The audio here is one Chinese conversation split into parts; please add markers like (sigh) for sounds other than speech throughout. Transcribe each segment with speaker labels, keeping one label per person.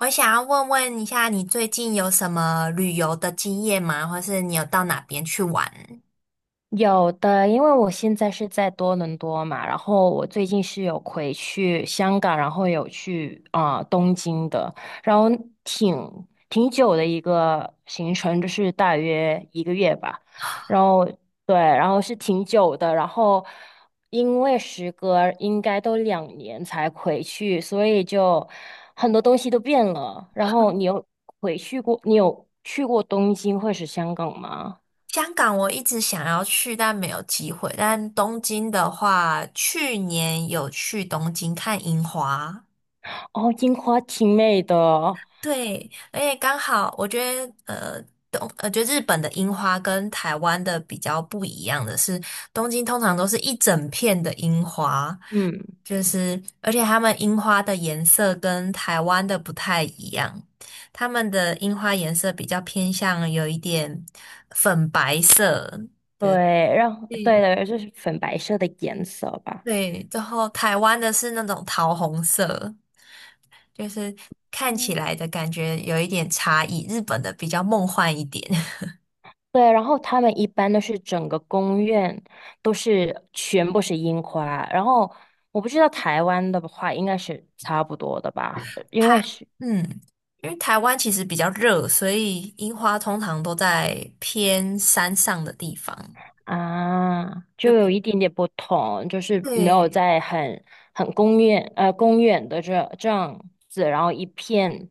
Speaker 1: 我想要问一下，你最近有什么旅游的经验吗？或是你有到哪边去玩？
Speaker 2: 有的，因为我现在是在多伦多嘛，然后我最近是有回去香港，然后有去啊、东京的，然后挺挺久的一个行程，就是大约一个月吧，然后对，然后是挺久的，然后因为时隔应该都两年才回去，所以就很多东西都变了。然后你有回去过，你有去过东京或是香港吗？
Speaker 1: 香港我一直想要去，但没有机会。但东京的话，去年有去东京看樱花，
Speaker 2: 哦，樱花挺美的。
Speaker 1: 对，而且刚好我觉得，呃，东，呃，觉得日本的樱花跟台湾的比较不一样的是，东京通常都是一整片的樱花。
Speaker 2: 嗯，
Speaker 1: 就是，而且他们樱花的颜色跟台湾的不太一样，他们的樱花颜色比较偏向有一点粉白
Speaker 2: 对，然后对
Speaker 1: 系，
Speaker 2: 的，就是粉白色的颜色吧。
Speaker 1: 对对，然后台湾的是那种桃红色，就是看起
Speaker 2: 嗯，
Speaker 1: 来的感觉有一点差异，日本的比较梦幻一点，
Speaker 2: 对，然后他们一般都是整个公园都是全部是樱花，然后我不知道台湾的话应该是差不多的吧，因为是
Speaker 1: (laughs) 嗯，因为台湾其实比较热，所以樱花通常都在偏山上的地方，
Speaker 2: 啊，
Speaker 1: 就
Speaker 2: 就有
Speaker 1: 比
Speaker 2: 一点点不同，就是没有
Speaker 1: 对。
Speaker 2: 在很很公园的这样子，然后一片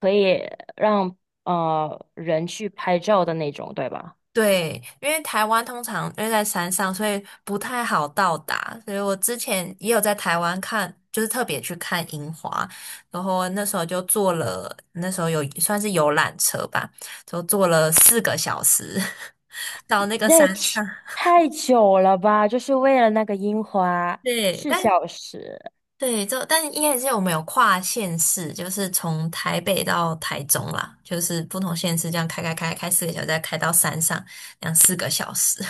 Speaker 2: 可以让人去拍照的那种，对吧？
Speaker 1: 对，因为台湾通常因为在山上，所以不太好到达。所以我之前也有在台湾看，就是特别去看樱花，然后那时候就坐了，那时候有算是游览车吧，就坐了四个小时 (laughs) 到那个
Speaker 2: 那
Speaker 1: 山
Speaker 2: 也挺
Speaker 1: 上。
Speaker 2: 太久了吧，就是为了那个樱花，
Speaker 1: 对，
Speaker 2: 四
Speaker 1: 但
Speaker 2: 小时。
Speaker 1: 对，就但应该是我们有跨县市，就是从台北到台中啦，就是不同县市这样开四个小时，再开到山上，两四个小时。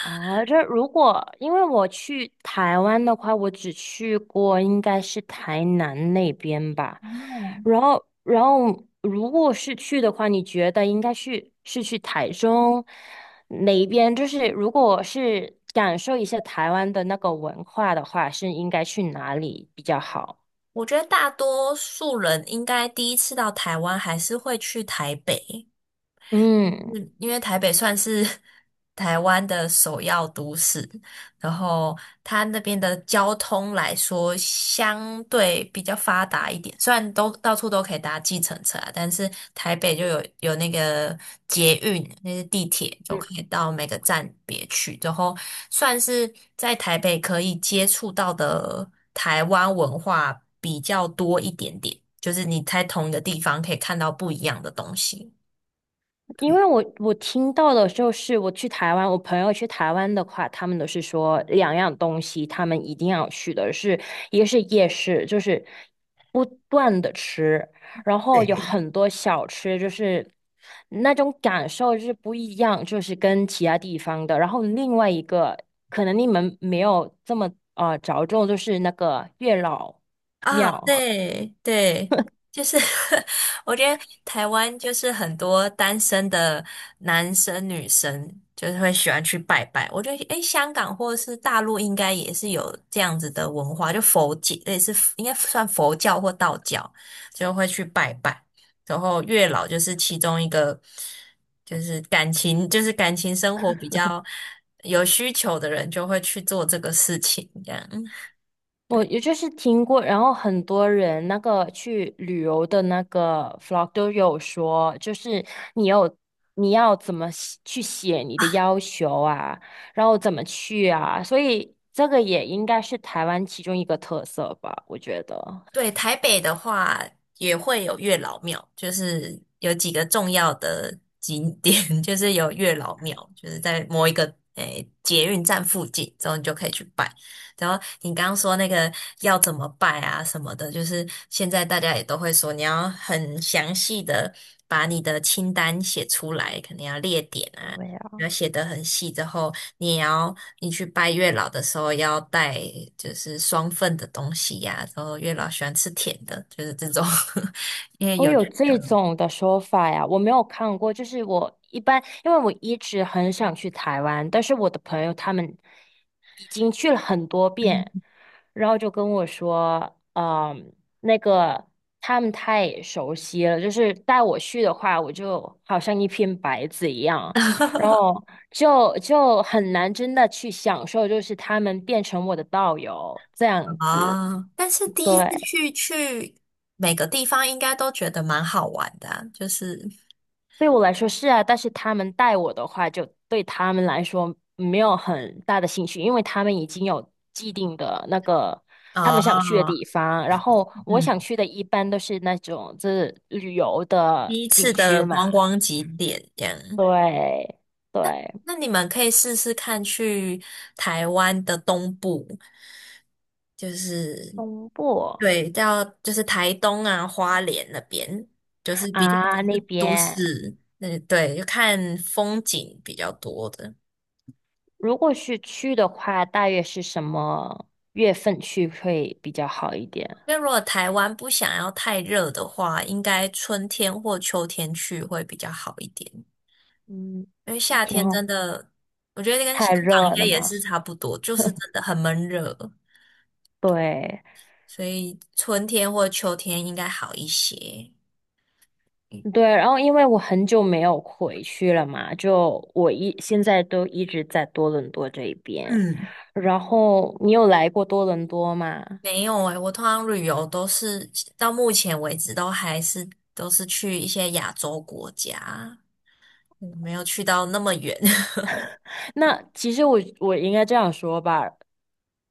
Speaker 2: 哦，这如果因为我去台湾的话，我只去过应该是台南那边吧。然后，然后如果是去的话，你觉得应该去是去台中哪一边？就是如果是感受一下台湾的那个文化的话，是应该去哪里比较好？
Speaker 1: 我觉得大多数人应该第一次到台湾还是会去台北，
Speaker 2: 嗯。
Speaker 1: 嗯，因为台北算是 (laughs) 台湾的首要都市，然后它那边的交通来说相对比较发达一点，虽然都到处都可以搭计程车啊，但是台北就有那个捷运，那是地铁，就可以到每个站别去，然后算是在台北可以接触到的台湾文化比较多一点点，就是你在同一个地方可以看到不一样的东西。
Speaker 2: 因
Speaker 1: 对。
Speaker 2: 为我听到的就是我去台湾，我朋友去台湾的话，他们都是说两样东西，他们一定要去的是，一个是夜市，就是不断的吃，然后有很多小吃，就是那种感受就是不一样，就是跟其他地方的。然后另外一个可能你们没有这么着重，就是那个月老
Speaker 1: 啊，
Speaker 2: 庙。
Speaker 1: 对对，就是 (laughs) 我觉得台湾就是很多单身的男生女生就是会喜欢去拜拜。我觉得诶，香港或者是大陆应该也是有这样子的文化，就佛界类似应该算佛教或道教，就会去拜拜。然后月老就是其中一个，就是感情就是感情生活比较有需求的人就会去做这个事情，这样。
Speaker 2: 我
Speaker 1: 对。
Speaker 2: 也就是听过，然后很多人那个去旅游的那个 vlog 都有说，就是你有你要怎么写去写你的要求啊，然后怎么去啊，所以这个也应该是台湾其中一个特色吧，我觉得。
Speaker 1: 对，台北的话也会有月老庙，就是有几个重要的景点，(laughs) 就是有月老庙，就是在某一个诶、捷运站附近，之后你就可以去拜。然后你刚刚说那个要怎么拜啊什么的，就是现在大家也都会说，你要很详细的把你的清单写出来，可能要列点啊，
Speaker 2: 对
Speaker 1: 要写得很细之后，你也要你去拜月老的时候要带就是双份的东西呀、然后月老喜欢吃甜的，就是这种，(laughs) 因为
Speaker 2: 我
Speaker 1: 有
Speaker 2: 有这种的说法呀，我没有看过。就是我一般，因为我一直很想去台湾，但是我的朋友他们已经去了很多
Speaker 1: 嗯
Speaker 2: 遍，然后就跟我说，嗯，那个他们太熟悉了，就是带我去的话，我就好像一片白纸一样，然后
Speaker 1: (laughs)
Speaker 2: 就很难真的去享受，就是他们变成我的导游这样子，
Speaker 1: 哦，但是第一次
Speaker 2: 对。
Speaker 1: 去每个地方应该都觉得蛮好玩的啊就是
Speaker 2: 对我来说是啊，但是他们带我的话，就对他们来说没有很大的兴趣，因为他们已经有既定的那个他们想去的
Speaker 1: 哦，
Speaker 2: 地方，然后我
Speaker 1: 嗯，
Speaker 2: 想去的一般都是那种就是旅游的
Speaker 1: 第一次
Speaker 2: 景
Speaker 1: 的
Speaker 2: 区嘛，
Speaker 1: 观光景点这样，
Speaker 2: 对对，
Speaker 1: 那你们可以试试看去台湾的东部，就是
Speaker 2: 东部
Speaker 1: 对，到就是台东啊、花莲那边，就是比较不
Speaker 2: 啊那
Speaker 1: 是都
Speaker 2: 边，
Speaker 1: 市，嗯，对，就看风景比较多的。
Speaker 2: 如果是去的话，大约是什么月份去会比较好一点？
Speaker 1: 因为如果台湾不想要太热的话，应该春天或秋天去会比较好一点。
Speaker 2: 嗯，
Speaker 1: 因为夏
Speaker 2: 挺
Speaker 1: 天
Speaker 2: 好，
Speaker 1: 真的，我觉得跟香
Speaker 2: 太
Speaker 1: 港
Speaker 2: 热
Speaker 1: 应该
Speaker 2: 了
Speaker 1: 也
Speaker 2: 嘛，
Speaker 1: 是差不多，就是真的很闷热。
Speaker 2: 对。
Speaker 1: 所以春天或秋天应该好一些。嗯，
Speaker 2: 对，然后因为我很久没有回去了嘛，就我一现在都一直在多伦多这一边。
Speaker 1: 嗯，
Speaker 2: 然后你有来过多伦多吗？
Speaker 1: 没有诶，我通常旅游都是到目前为止都还是都是去一些亚洲国家，嗯没有去到那么远，
Speaker 2: 那其实我应该这样说吧，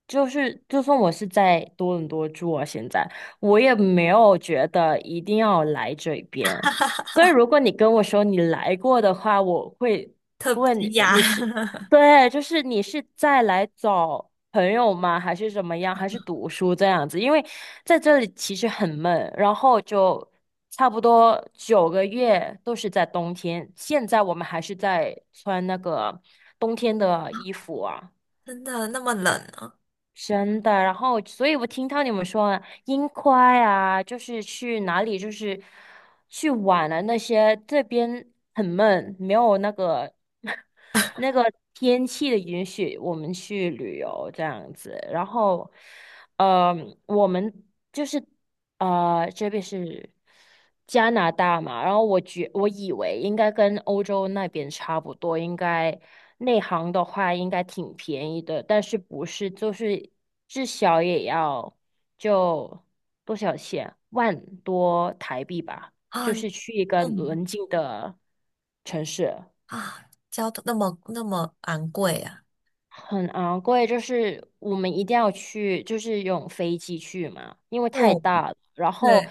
Speaker 2: 就是就算我是在多伦多住啊，现在我也没有觉得一定要来这边。所以如果你跟我说你来过的话，我会
Speaker 1: (laughs) 特
Speaker 2: 问
Speaker 1: 别
Speaker 2: 你
Speaker 1: 亚，
Speaker 2: 你是，对，就是你是在来找朋友吗？还是怎么样？还是读书这样子？因为在这里其实很闷，然后就差不多九个月都是在冬天。现在我们还是在穿那个冬天的衣服啊。
Speaker 1: (laughs) 真的那么冷啊
Speaker 2: 真的，然后，所以我听到你们说樱花啊，就是去哪里，就是去玩了那些，这边很闷，没有那个 (laughs) 那个天气的允许，我们去旅游这样子。然后，呃，我们就是。这边是加拿大嘛，然后我觉我以为应该跟欧洲那边差不多，应该内行的话应该挺便宜的，但是不是就是至少也要就多少钱，万多台币吧，
Speaker 1: 啊
Speaker 2: 就是去一个
Speaker 1: 嗯
Speaker 2: 邻近的城市。
Speaker 1: 啊，交通那么昂贵啊。
Speaker 2: 很昂贵，就是我们一定要去，就是用飞机去嘛，因为太
Speaker 1: 嗯，
Speaker 2: 大了。然
Speaker 1: 对，
Speaker 2: 后，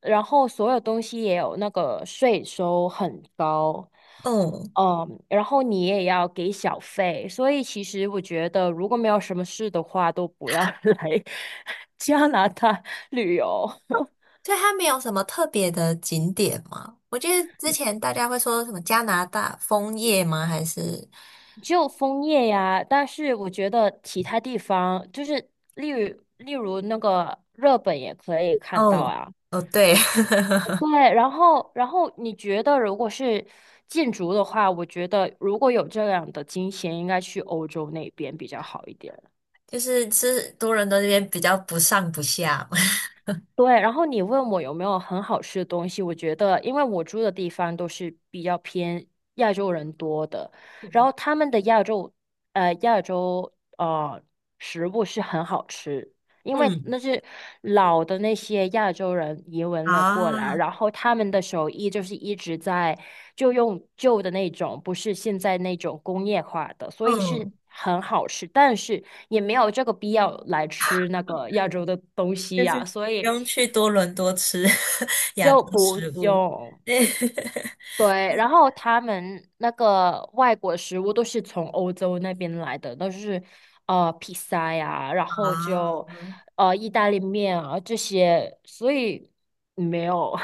Speaker 2: 然后所有东西也有那个税收很高，
Speaker 1: 嗯，
Speaker 2: 嗯，然后你也要给小费，所以其实我觉得，如果没有什么事的话，都不要 (laughs) 来加拿大旅游。
Speaker 1: 所以它没有什么特别的景点吗？我记得之前大家会说什么加拿大枫叶吗？还是？
Speaker 2: 就枫叶呀，但是我觉得其他地方，就是例如那个日本也可以看到
Speaker 1: 哦
Speaker 2: 啊。
Speaker 1: 哦，对，
Speaker 2: 对，
Speaker 1: (laughs)
Speaker 2: 然后，然后你觉得如果是建筑的话，我觉得如果有这样的金钱，应该去欧洲那边比较好一点。
Speaker 1: 就是吃多伦多这边比较不上不下
Speaker 2: 对，然后你问我有没有很好吃的东西，我觉得，因为我住的地方都是比较偏亚洲人多的，然后
Speaker 1: (laughs)
Speaker 2: 他们的亚洲，亚洲食物是很好吃，因为
Speaker 1: 嗯
Speaker 2: 那是老的那些亚洲人移民了过来，
Speaker 1: 啊，
Speaker 2: 然后他们的手艺就是一直在就用旧的那种，不是现在那种工业化的，所以是
Speaker 1: 嗯，
Speaker 2: 很好吃，但是也没有这个必要来吃那个亚洲的东西
Speaker 1: 就是
Speaker 2: 呀、所
Speaker 1: 不
Speaker 2: 以。
Speaker 1: 用去多伦多吃 (laughs) 亚
Speaker 2: 就
Speaker 1: 洲
Speaker 2: 不
Speaker 1: 食物。
Speaker 2: 用。
Speaker 1: 对 (laughs)
Speaker 2: 对，然后他们那个外国食物都是从欧洲那边来的，都是披萨呀，然后
Speaker 1: 啊，
Speaker 2: 就意大利面啊这些，所以没有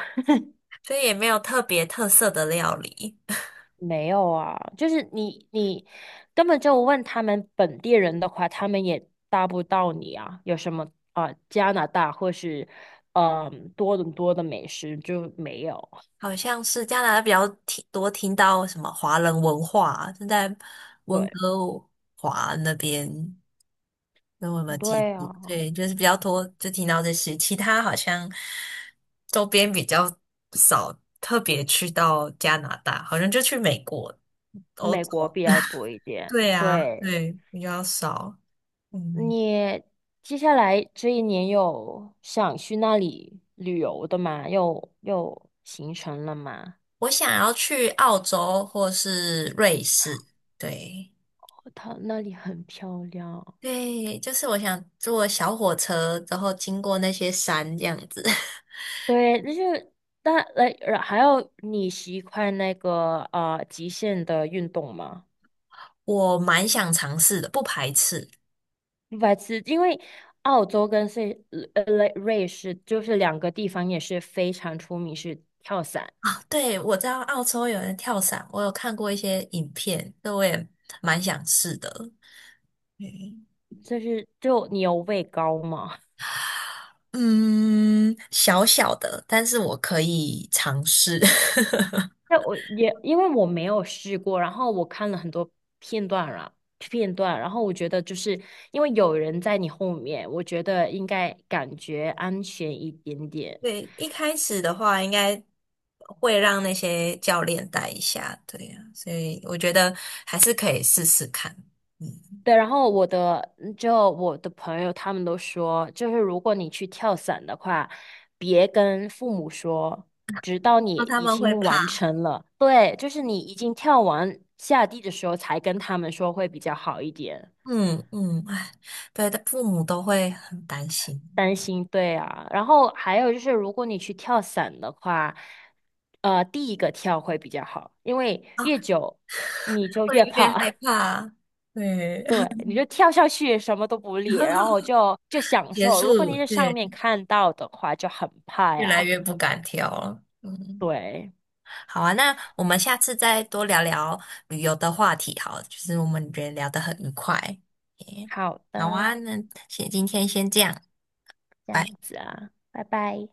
Speaker 1: 所以也没有特别特色的料理，
Speaker 2: (laughs) 没有啊，就是你根本就问他们本地人的话，他们也答不到你啊，有什么啊、加拿大或是嗯、多伦多的美食就没有，
Speaker 1: (laughs) 好像是加拿大比较听到什么华人文化啊，正在温
Speaker 2: 对
Speaker 1: 哥华那边。那我有没有记
Speaker 2: 对啊。
Speaker 1: 住？对，就是比较多，就听到这些，其他好像周边比较少，特别去到加拿大，好像就去美国、欧
Speaker 2: 美国
Speaker 1: 洲。
Speaker 2: 比较多一
Speaker 1: (laughs)
Speaker 2: 点。
Speaker 1: 对啊，
Speaker 2: 对，
Speaker 1: 对，比较少。嗯，
Speaker 2: 你接下来这一年有想去那里旅游的吗？有有行程了吗？
Speaker 1: 我想要去澳洲或是瑞士。对，
Speaker 2: 哦，它那里很漂亮。
Speaker 1: 对，就是我想坐小火车，然后经过那些山这样子，
Speaker 2: 对，那就是但来，还有你习惯那个极限的运动吗？
Speaker 1: (laughs) 我蛮想尝试的，不排斥。
Speaker 2: 白痴，因为澳洲跟瑞士就是两个地方也是非常出名是跳伞，
Speaker 1: 啊，对，我知道澳洲有人跳伞，我有看过一些影片，那我也蛮想试的。嗯，
Speaker 2: 就是就你有畏高吗？
Speaker 1: 嗯小小的，但是我可以尝试。(laughs)
Speaker 2: 那我也因为我没有试过，然后我看了很多片段了片段，然后我觉得就是因为有人在你后面，我觉得应该感觉安全一点点。
Speaker 1: 对，一开始的话应该会让那些教练带一下，对呀，所以我觉得还是可以试试看。嗯，
Speaker 2: 对，然后我的嗯就我的朋友他们都说，就是如果你去跳伞的话，别跟父母说，直到你
Speaker 1: 那他
Speaker 2: 已
Speaker 1: 们会
Speaker 2: 经
Speaker 1: 怕，
Speaker 2: 完成了，对，就是你已经跳完下地的时候才跟他们说会比较好一点。
Speaker 1: 嗯嗯，哎，对的，父母都会很担心
Speaker 2: 担心，对啊。然后还有就是，如果你去跳伞的话，第一个跳会比较好，因为
Speaker 1: 啊，
Speaker 2: 越久你就越
Speaker 1: 会点害
Speaker 2: 怕，
Speaker 1: 怕。对，
Speaker 2: (laughs) 对，你就跳下去什么都不理，然
Speaker 1: (laughs)
Speaker 2: 后就享
Speaker 1: 结
Speaker 2: 受。如果
Speaker 1: 束，
Speaker 2: 你在上
Speaker 1: 对，
Speaker 2: 面看到的话，就很怕
Speaker 1: 越来
Speaker 2: 呀。
Speaker 1: 越不敢挑了。嗯，
Speaker 2: 对，
Speaker 1: 好啊，那我们下次再多聊聊旅游的话题，好了就是我们觉得聊得很愉快。耶
Speaker 2: 好
Speaker 1: 好
Speaker 2: 的，
Speaker 1: 啊，那先今天先这样，
Speaker 2: 这
Speaker 1: 拜。
Speaker 2: 样子啊，拜拜。